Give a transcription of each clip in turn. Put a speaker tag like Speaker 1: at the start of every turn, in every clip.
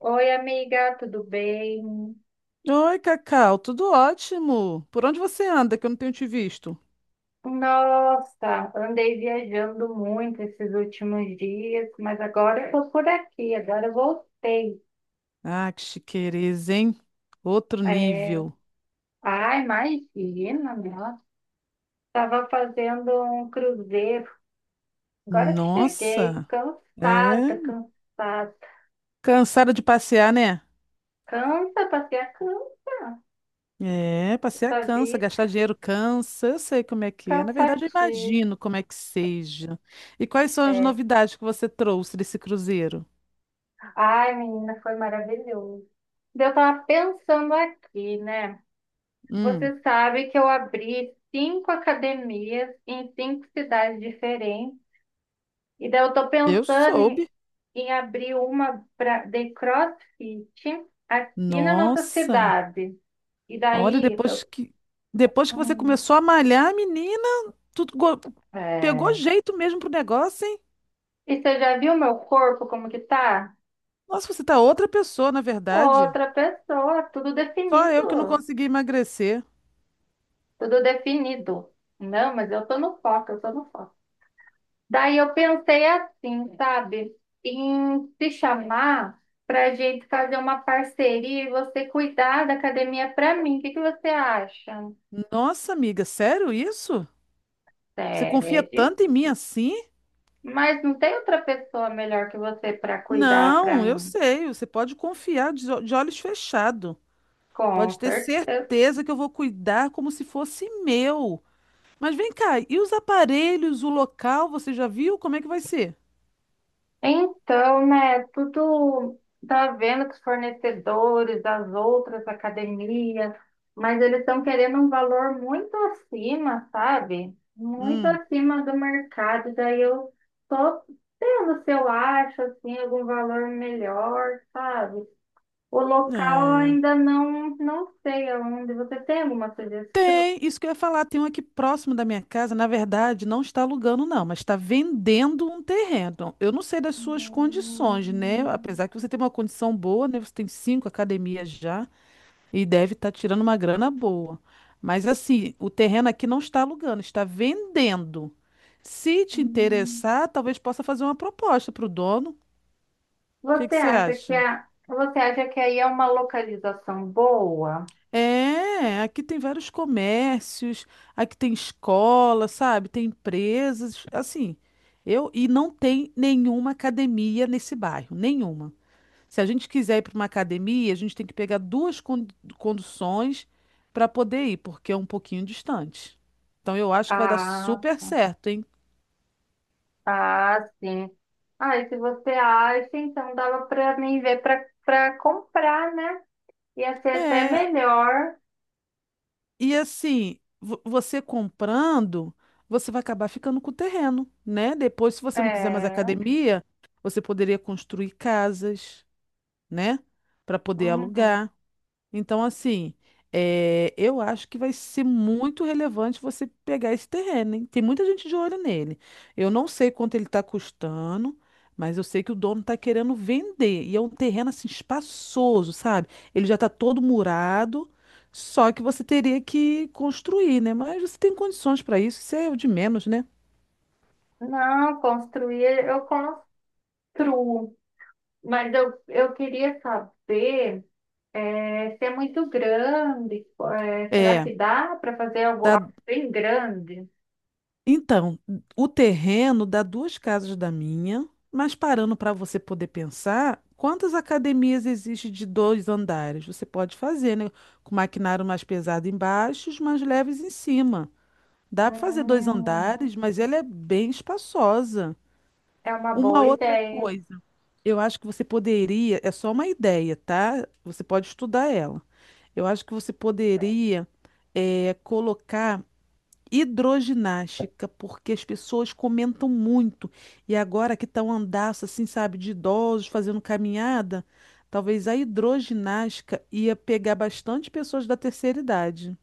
Speaker 1: Oi, amiga, tudo bem?
Speaker 2: Oi, Cacau, tudo ótimo. Por onde você anda que eu não tenho te visto?
Speaker 1: Nossa, andei viajando muito esses últimos dias, mas agora eu tô por aqui, agora eu voltei.
Speaker 2: Ah, que chiqueza, hein? Outro
Speaker 1: É.
Speaker 2: nível.
Speaker 1: Ah, imagina, nossa, estava fazendo um cruzeiro. Agora que cheguei,
Speaker 2: Nossa, é.
Speaker 1: cansada, cansada.
Speaker 2: Cansada de passear, né?
Speaker 1: Cansa, passei a cansa,
Speaker 2: É, passear
Speaker 1: a
Speaker 2: cansa,
Speaker 1: vida,
Speaker 2: gastar dinheiro cansa. Eu sei como é que é. Na verdade, eu
Speaker 1: cansativo.
Speaker 2: imagino como é que seja. E quais são as novidades que você trouxe desse cruzeiro?
Speaker 1: Ai, menina, foi maravilhoso. Eu tava pensando aqui, né?
Speaker 2: Hum,
Speaker 1: Você sabe que eu abri cinco academias em cinco cidades diferentes. E daí eu tô
Speaker 2: eu
Speaker 1: pensando em,
Speaker 2: soube.
Speaker 1: em abrir uma pra, de CrossFit aqui na nossa
Speaker 2: Nossa,
Speaker 1: cidade. E
Speaker 2: olha,
Speaker 1: daí,
Speaker 2: depois que depois que você
Speaker 1: hum,
Speaker 2: começou a malhar, menina. Tu go- Pegou
Speaker 1: é.
Speaker 2: jeito mesmo pro negócio, hein?
Speaker 1: E você já viu meu corpo como que tá?
Speaker 2: Nossa, você tá outra pessoa, na verdade.
Speaker 1: Outra pessoa, tudo
Speaker 2: Só eu que não
Speaker 1: definido,
Speaker 2: consegui emagrecer.
Speaker 1: tudo definido. Não, mas eu tô no foco, eu tô no foco. Daí eu pensei assim, sabe, em te chamar para a gente fazer uma parceria e você cuidar da academia para mim. O que que você acha?
Speaker 2: Nossa, amiga, sério isso? Você confia
Speaker 1: Sede.
Speaker 2: tanto em mim assim?
Speaker 1: Mas não tem outra pessoa melhor que você para cuidar para
Speaker 2: Não, eu
Speaker 1: mim?
Speaker 2: sei. Você pode confiar de, de olhos fechados. Pode
Speaker 1: Com
Speaker 2: ter
Speaker 1: certeza.
Speaker 2: certeza que eu vou cuidar como se fosse meu. Mas vem cá, e os aparelhos, o local, você já viu? Como é que vai ser?
Speaker 1: Então, né, tudo tá vendo que os fornecedores das outras academias, mas eles estão querendo um valor muito acima, sabe? Muito
Speaker 2: Hum,
Speaker 1: acima do mercado. Daí eu tô tendo se eu acho assim algum valor melhor, sabe? O local eu
Speaker 2: é.
Speaker 1: ainda não sei aonde. Você tem alguma sugestão?
Speaker 2: Tem, isso que eu ia falar, tem um aqui próximo da minha casa, na verdade, não está alugando não, mas está vendendo um terreno. Eu não sei das suas condições, né?
Speaker 1: Hum,
Speaker 2: Apesar que você tem uma condição boa, né? Você tem cinco academias já e deve estar tirando uma grana boa. Mas assim, o terreno aqui não está alugando, está vendendo. Se te
Speaker 1: hum.
Speaker 2: interessar, talvez possa fazer uma proposta para o dono. O que que você acha?
Speaker 1: Você acha que aí é uma localização boa?
Speaker 2: É, aqui tem vários comércios, aqui tem escola, sabe? Tem empresas, assim. Eu e não tem nenhuma academia nesse bairro, nenhuma. Se a gente quiser ir para uma academia, a gente tem que pegar duas conduções para poder ir, porque é um pouquinho distante. Então eu acho que vai dar
Speaker 1: Ah,
Speaker 2: super certo, hein?
Speaker 1: ah, sim. Ah, e se você acha, então dava para mim ver para comprar, né? Ia ser até
Speaker 2: É,
Speaker 1: melhor.
Speaker 2: e assim, você comprando, você vai acabar ficando com o terreno, né? Depois, se você não quiser mais
Speaker 1: É.
Speaker 2: academia, você poderia construir casas, né? Para poder
Speaker 1: Uhum.
Speaker 2: alugar. Então, assim, eu acho que vai ser muito relevante você pegar esse terreno, hein? Tem muita gente de olho nele. Eu não sei quanto ele está custando, mas eu sei que o dono está querendo vender. E é um terreno, assim, espaçoso, sabe? Ele já está todo murado, só que você teria que construir, né? Mas você tem condições para isso, isso é o de menos, né?
Speaker 1: Não, construir, eu construo. Mas eu queria saber é, se é muito grande. É, será
Speaker 2: É,
Speaker 1: que dá para fazer algo,
Speaker 2: dá.
Speaker 1: algo bem grande?
Speaker 2: Então, o terreno dá duas casas da minha, mas parando para você poder pensar, quantas academias existe de dois andares? Você pode fazer, né? Com maquinário mais pesado embaixo, os mais leves em cima. Dá para fazer dois
Speaker 1: Hum.
Speaker 2: andares, mas ela é bem espaçosa.
Speaker 1: É uma
Speaker 2: Uma
Speaker 1: boa
Speaker 2: outra
Speaker 1: ideia.
Speaker 2: coisa, eu acho que você poderia, é só uma ideia, tá? Você pode estudar ela. Eu acho que você poderia colocar hidroginástica, porque as pessoas comentam muito. E agora que tá um andaço, assim, sabe, de idosos fazendo caminhada, talvez a hidroginástica ia pegar bastante pessoas da terceira idade.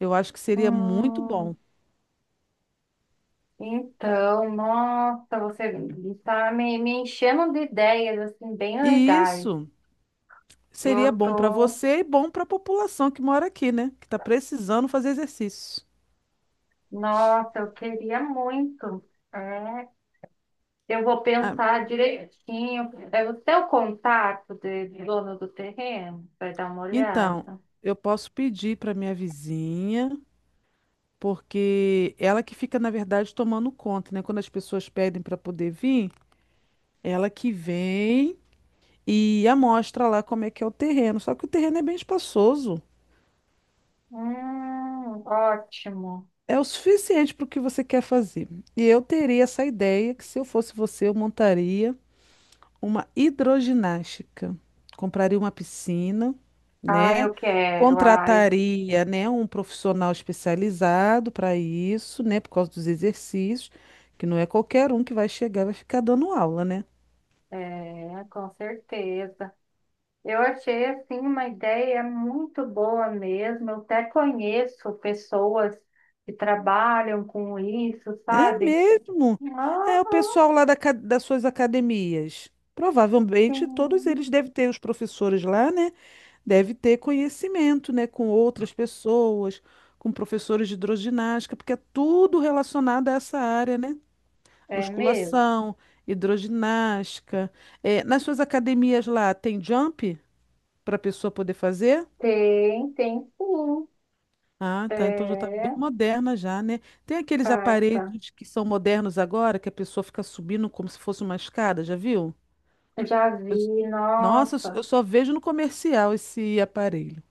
Speaker 2: Eu acho que seria muito
Speaker 1: Hum,
Speaker 2: bom.
Speaker 1: então, nossa, você está me enchendo de ideias assim bem
Speaker 2: E
Speaker 1: legais.
Speaker 2: isso seria
Speaker 1: Eu
Speaker 2: bom para
Speaker 1: tô,
Speaker 2: você e bom para a população que mora aqui, né? Que está precisando fazer exercício.
Speaker 1: nossa, eu queria muito. É, eu vou
Speaker 2: Ah,
Speaker 1: pensar direitinho. É o seu contato de dono do terreno? Vai dar uma
Speaker 2: então,
Speaker 1: olhada.
Speaker 2: eu posso pedir para minha vizinha, porque ela que fica, na verdade, tomando conta, né? Quando as pessoas pedem para poder vir, ela que vem e amostra lá como é que é o terreno. Só que o terreno é bem espaçoso.
Speaker 1: Ótimo.
Speaker 2: É o suficiente para o que você quer fazer. E eu teria essa ideia que, se eu fosse você, eu montaria uma hidroginástica. Compraria uma piscina,
Speaker 1: Ah,
Speaker 2: né?
Speaker 1: eu quero. Ai,
Speaker 2: Contrataria, né, um profissional especializado para isso, né, por causa dos exercícios, que não é qualquer um que vai chegar e vai ficar dando aula, né?
Speaker 1: é, com certeza. Eu achei assim uma ideia muito boa mesmo. Eu até conheço pessoas que trabalham com isso,
Speaker 2: É
Speaker 1: sabe?
Speaker 2: mesmo?
Speaker 1: Aham,
Speaker 2: É o pessoal lá das suas academias. Provavelmente todos
Speaker 1: sim.
Speaker 2: eles devem ter, os professores lá, né? Deve ter conhecimento, né? Com outras pessoas, com professores de hidroginástica, porque é tudo relacionado a essa área, né?
Speaker 1: É mesmo?
Speaker 2: Musculação, hidroginástica. É, nas suas academias lá, tem jump para a pessoa poder fazer?
Speaker 1: Tem, tem sim.
Speaker 2: Ah, tá. Então já está bem
Speaker 1: É,
Speaker 2: moderna já, né? Tem aqueles
Speaker 1: carta.
Speaker 2: aparelhos que são modernos agora, que a pessoa fica subindo como se fosse uma escada, já viu?
Speaker 1: Já
Speaker 2: Eu-
Speaker 1: vi,
Speaker 2: nossa,
Speaker 1: nossa.
Speaker 2: eu só vejo no comercial esse aparelho.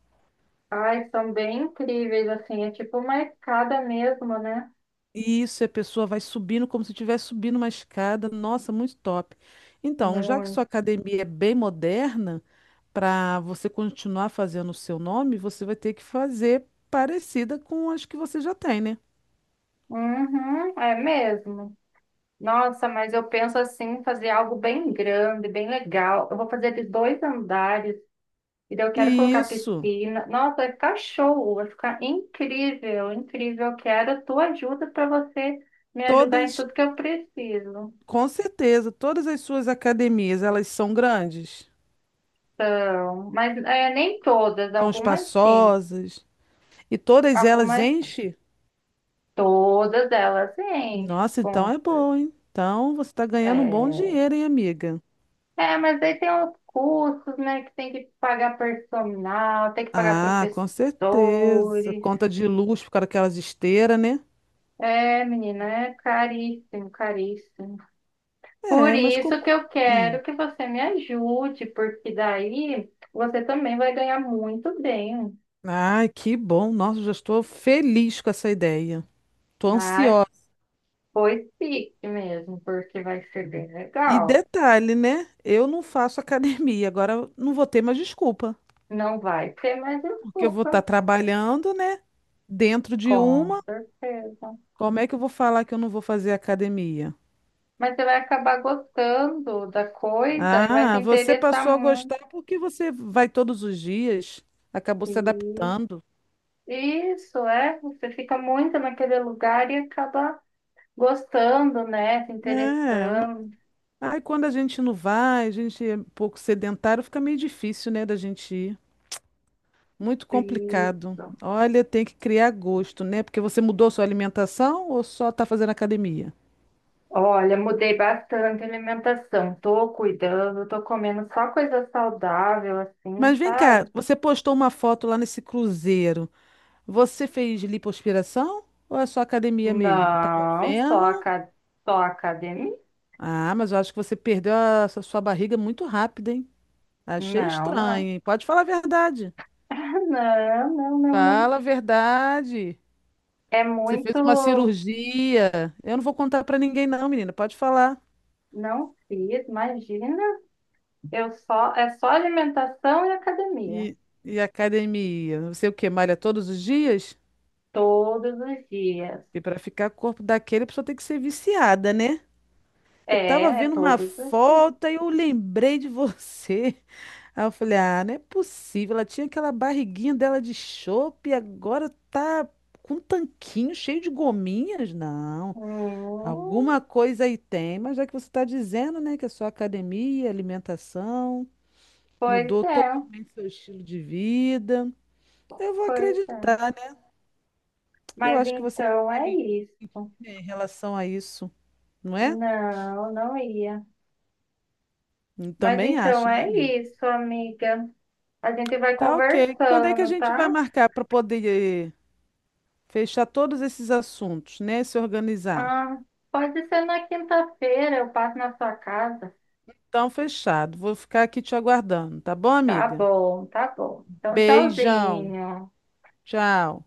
Speaker 1: Ai, são bem incríveis, assim. É tipo uma escada mesmo, né?
Speaker 2: E isso, a pessoa vai subindo como se estivesse subindo uma escada. Nossa, muito top. Então, já que
Speaker 1: Muito.
Speaker 2: sua academia é bem moderna, para você continuar fazendo o seu nome, você vai ter que fazer parecida com as que você já tem, né?
Speaker 1: Uhum, é mesmo. Nossa, mas eu penso assim, fazer algo bem grande, bem legal. Eu vou fazer de dois andares, e daí eu quero colocar
Speaker 2: Isso.
Speaker 1: piscina. Nossa, vai ficar show, vai ficar incrível, incrível. Eu quero a tua ajuda para você me ajudar em
Speaker 2: Todas,
Speaker 1: tudo que eu preciso.
Speaker 2: com certeza, todas as suas academias, elas são grandes,
Speaker 1: Então, mas é, nem todas,
Speaker 2: são
Speaker 1: algumas sim,
Speaker 2: espaçosas e todas elas
Speaker 1: algumas
Speaker 2: enchem.
Speaker 1: todas elas enchem
Speaker 2: Nossa, então
Speaker 1: com
Speaker 2: é bom, hein? Então você está ganhando um bom
Speaker 1: é,
Speaker 2: dinheiro, hein, amiga?
Speaker 1: é, mas aí tem os custos, né, que tem que pagar personal, tem que pagar
Speaker 2: Ah, com certeza.
Speaker 1: professores.
Speaker 2: Conta de luz por aquelas daquelas esteiras, né?
Speaker 1: É, menina, é caríssimo, caríssimo. Por
Speaker 2: É, mas
Speaker 1: isso
Speaker 2: como.
Speaker 1: que eu
Speaker 2: Hum.
Speaker 1: quero que você me ajude, porque daí você também vai ganhar muito bem.
Speaker 2: Ai, que bom. Nossa, já estou feliz com essa ideia. Estou
Speaker 1: Ai,
Speaker 2: ansiosa.
Speaker 1: pois fique mesmo, porque vai ser bem
Speaker 2: E
Speaker 1: legal.
Speaker 2: detalhe, né? Eu não faço academia, agora eu não vou ter mais desculpa.
Speaker 1: Não vai ter mais
Speaker 2: Porque eu vou estar
Speaker 1: desculpa,
Speaker 2: trabalhando, né? Dentro de
Speaker 1: com
Speaker 2: uma,
Speaker 1: certeza.
Speaker 2: como é que eu vou falar que eu não vou fazer academia?
Speaker 1: Mas você vai acabar gostando da coisa e vai se
Speaker 2: Ah, você
Speaker 1: interessar
Speaker 2: passou a
Speaker 1: muito.
Speaker 2: gostar porque você vai todos os dias, acabou se
Speaker 1: Isso,
Speaker 2: adaptando.
Speaker 1: isso é. Você fica muito naquele lugar e acaba gostando, né? Se
Speaker 2: É,
Speaker 1: interessando.
Speaker 2: aí quando a gente não vai, a gente é um pouco sedentário, fica meio difícil, né, da gente ir. Muito complicado.
Speaker 1: Isso.
Speaker 2: Olha, tem que criar gosto, né? Porque você mudou sua alimentação ou só tá fazendo academia?
Speaker 1: Olha, mudei bastante a alimentação. Tô cuidando, tô comendo só coisa saudável, assim,
Speaker 2: Mas vem cá,
Speaker 1: sabe?
Speaker 2: você postou uma foto lá nesse cruzeiro. Você fez lipoaspiração ou é só academia mesmo? Tava
Speaker 1: Não,
Speaker 2: vendo?
Speaker 1: só academia?
Speaker 2: Ah, mas eu acho que você perdeu a sua barriga muito rápido, hein? Achei
Speaker 1: Não,
Speaker 2: estranho,
Speaker 1: não.
Speaker 2: hein? Pode falar a verdade.
Speaker 1: Não, não, não, não.
Speaker 2: Fala a verdade.
Speaker 1: É
Speaker 2: Você fez uma
Speaker 1: muito.
Speaker 2: cirurgia. Eu não vou contar pra ninguém, não, menina. Pode falar.
Speaker 1: Não fiz, imagina. Eu só é só alimentação e academia.
Speaker 2: E, e academia? Não sei o que, malha todos os dias?
Speaker 1: Todos os dias.
Speaker 2: E pra ficar com o corpo daquele, a pessoa tem que ser viciada, né? Eu
Speaker 1: É,
Speaker 2: tava
Speaker 1: é
Speaker 2: vendo uma
Speaker 1: todos os dias.
Speaker 2: foto e eu lembrei de você. Aí eu falei, ah, não é possível. Ela tinha aquela barriguinha dela de chope e agora tá com um tanquinho cheio de gominhas? Não.
Speaker 1: Hum,
Speaker 2: Alguma coisa aí tem, mas já que você está dizendo, né, que a sua academia, alimentação,
Speaker 1: pois
Speaker 2: mudou
Speaker 1: é.
Speaker 2: totalmente seu estilo de vida, eu vou
Speaker 1: Pois é.
Speaker 2: acreditar, né? Eu
Speaker 1: Mas
Speaker 2: acho que você não
Speaker 1: então
Speaker 2: ia
Speaker 1: é
Speaker 2: me mentir,
Speaker 1: isso.
Speaker 2: né, em relação a isso, não é?
Speaker 1: Não, não ia.
Speaker 2: Eu
Speaker 1: Mas
Speaker 2: também
Speaker 1: então
Speaker 2: acho, né,
Speaker 1: é
Speaker 2: amiga?
Speaker 1: isso, amiga. A gente vai
Speaker 2: Tá, ok. Quando é que a
Speaker 1: conversando,
Speaker 2: gente vai
Speaker 1: tá?
Speaker 2: marcar para poder fechar todos esses assuntos, né? Se organizar.
Speaker 1: Ah, pode ser na quinta-feira, eu passo na sua casa.
Speaker 2: Então, fechado. Vou ficar aqui te aguardando, tá bom,
Speaker 1: Tá
Speaker 2: amiga?
Speaker 1: bom, tá bom. Então,
Speaker 2: Beijão.
Speaker 1: tchauzinho.
Speaker 2: Tchau.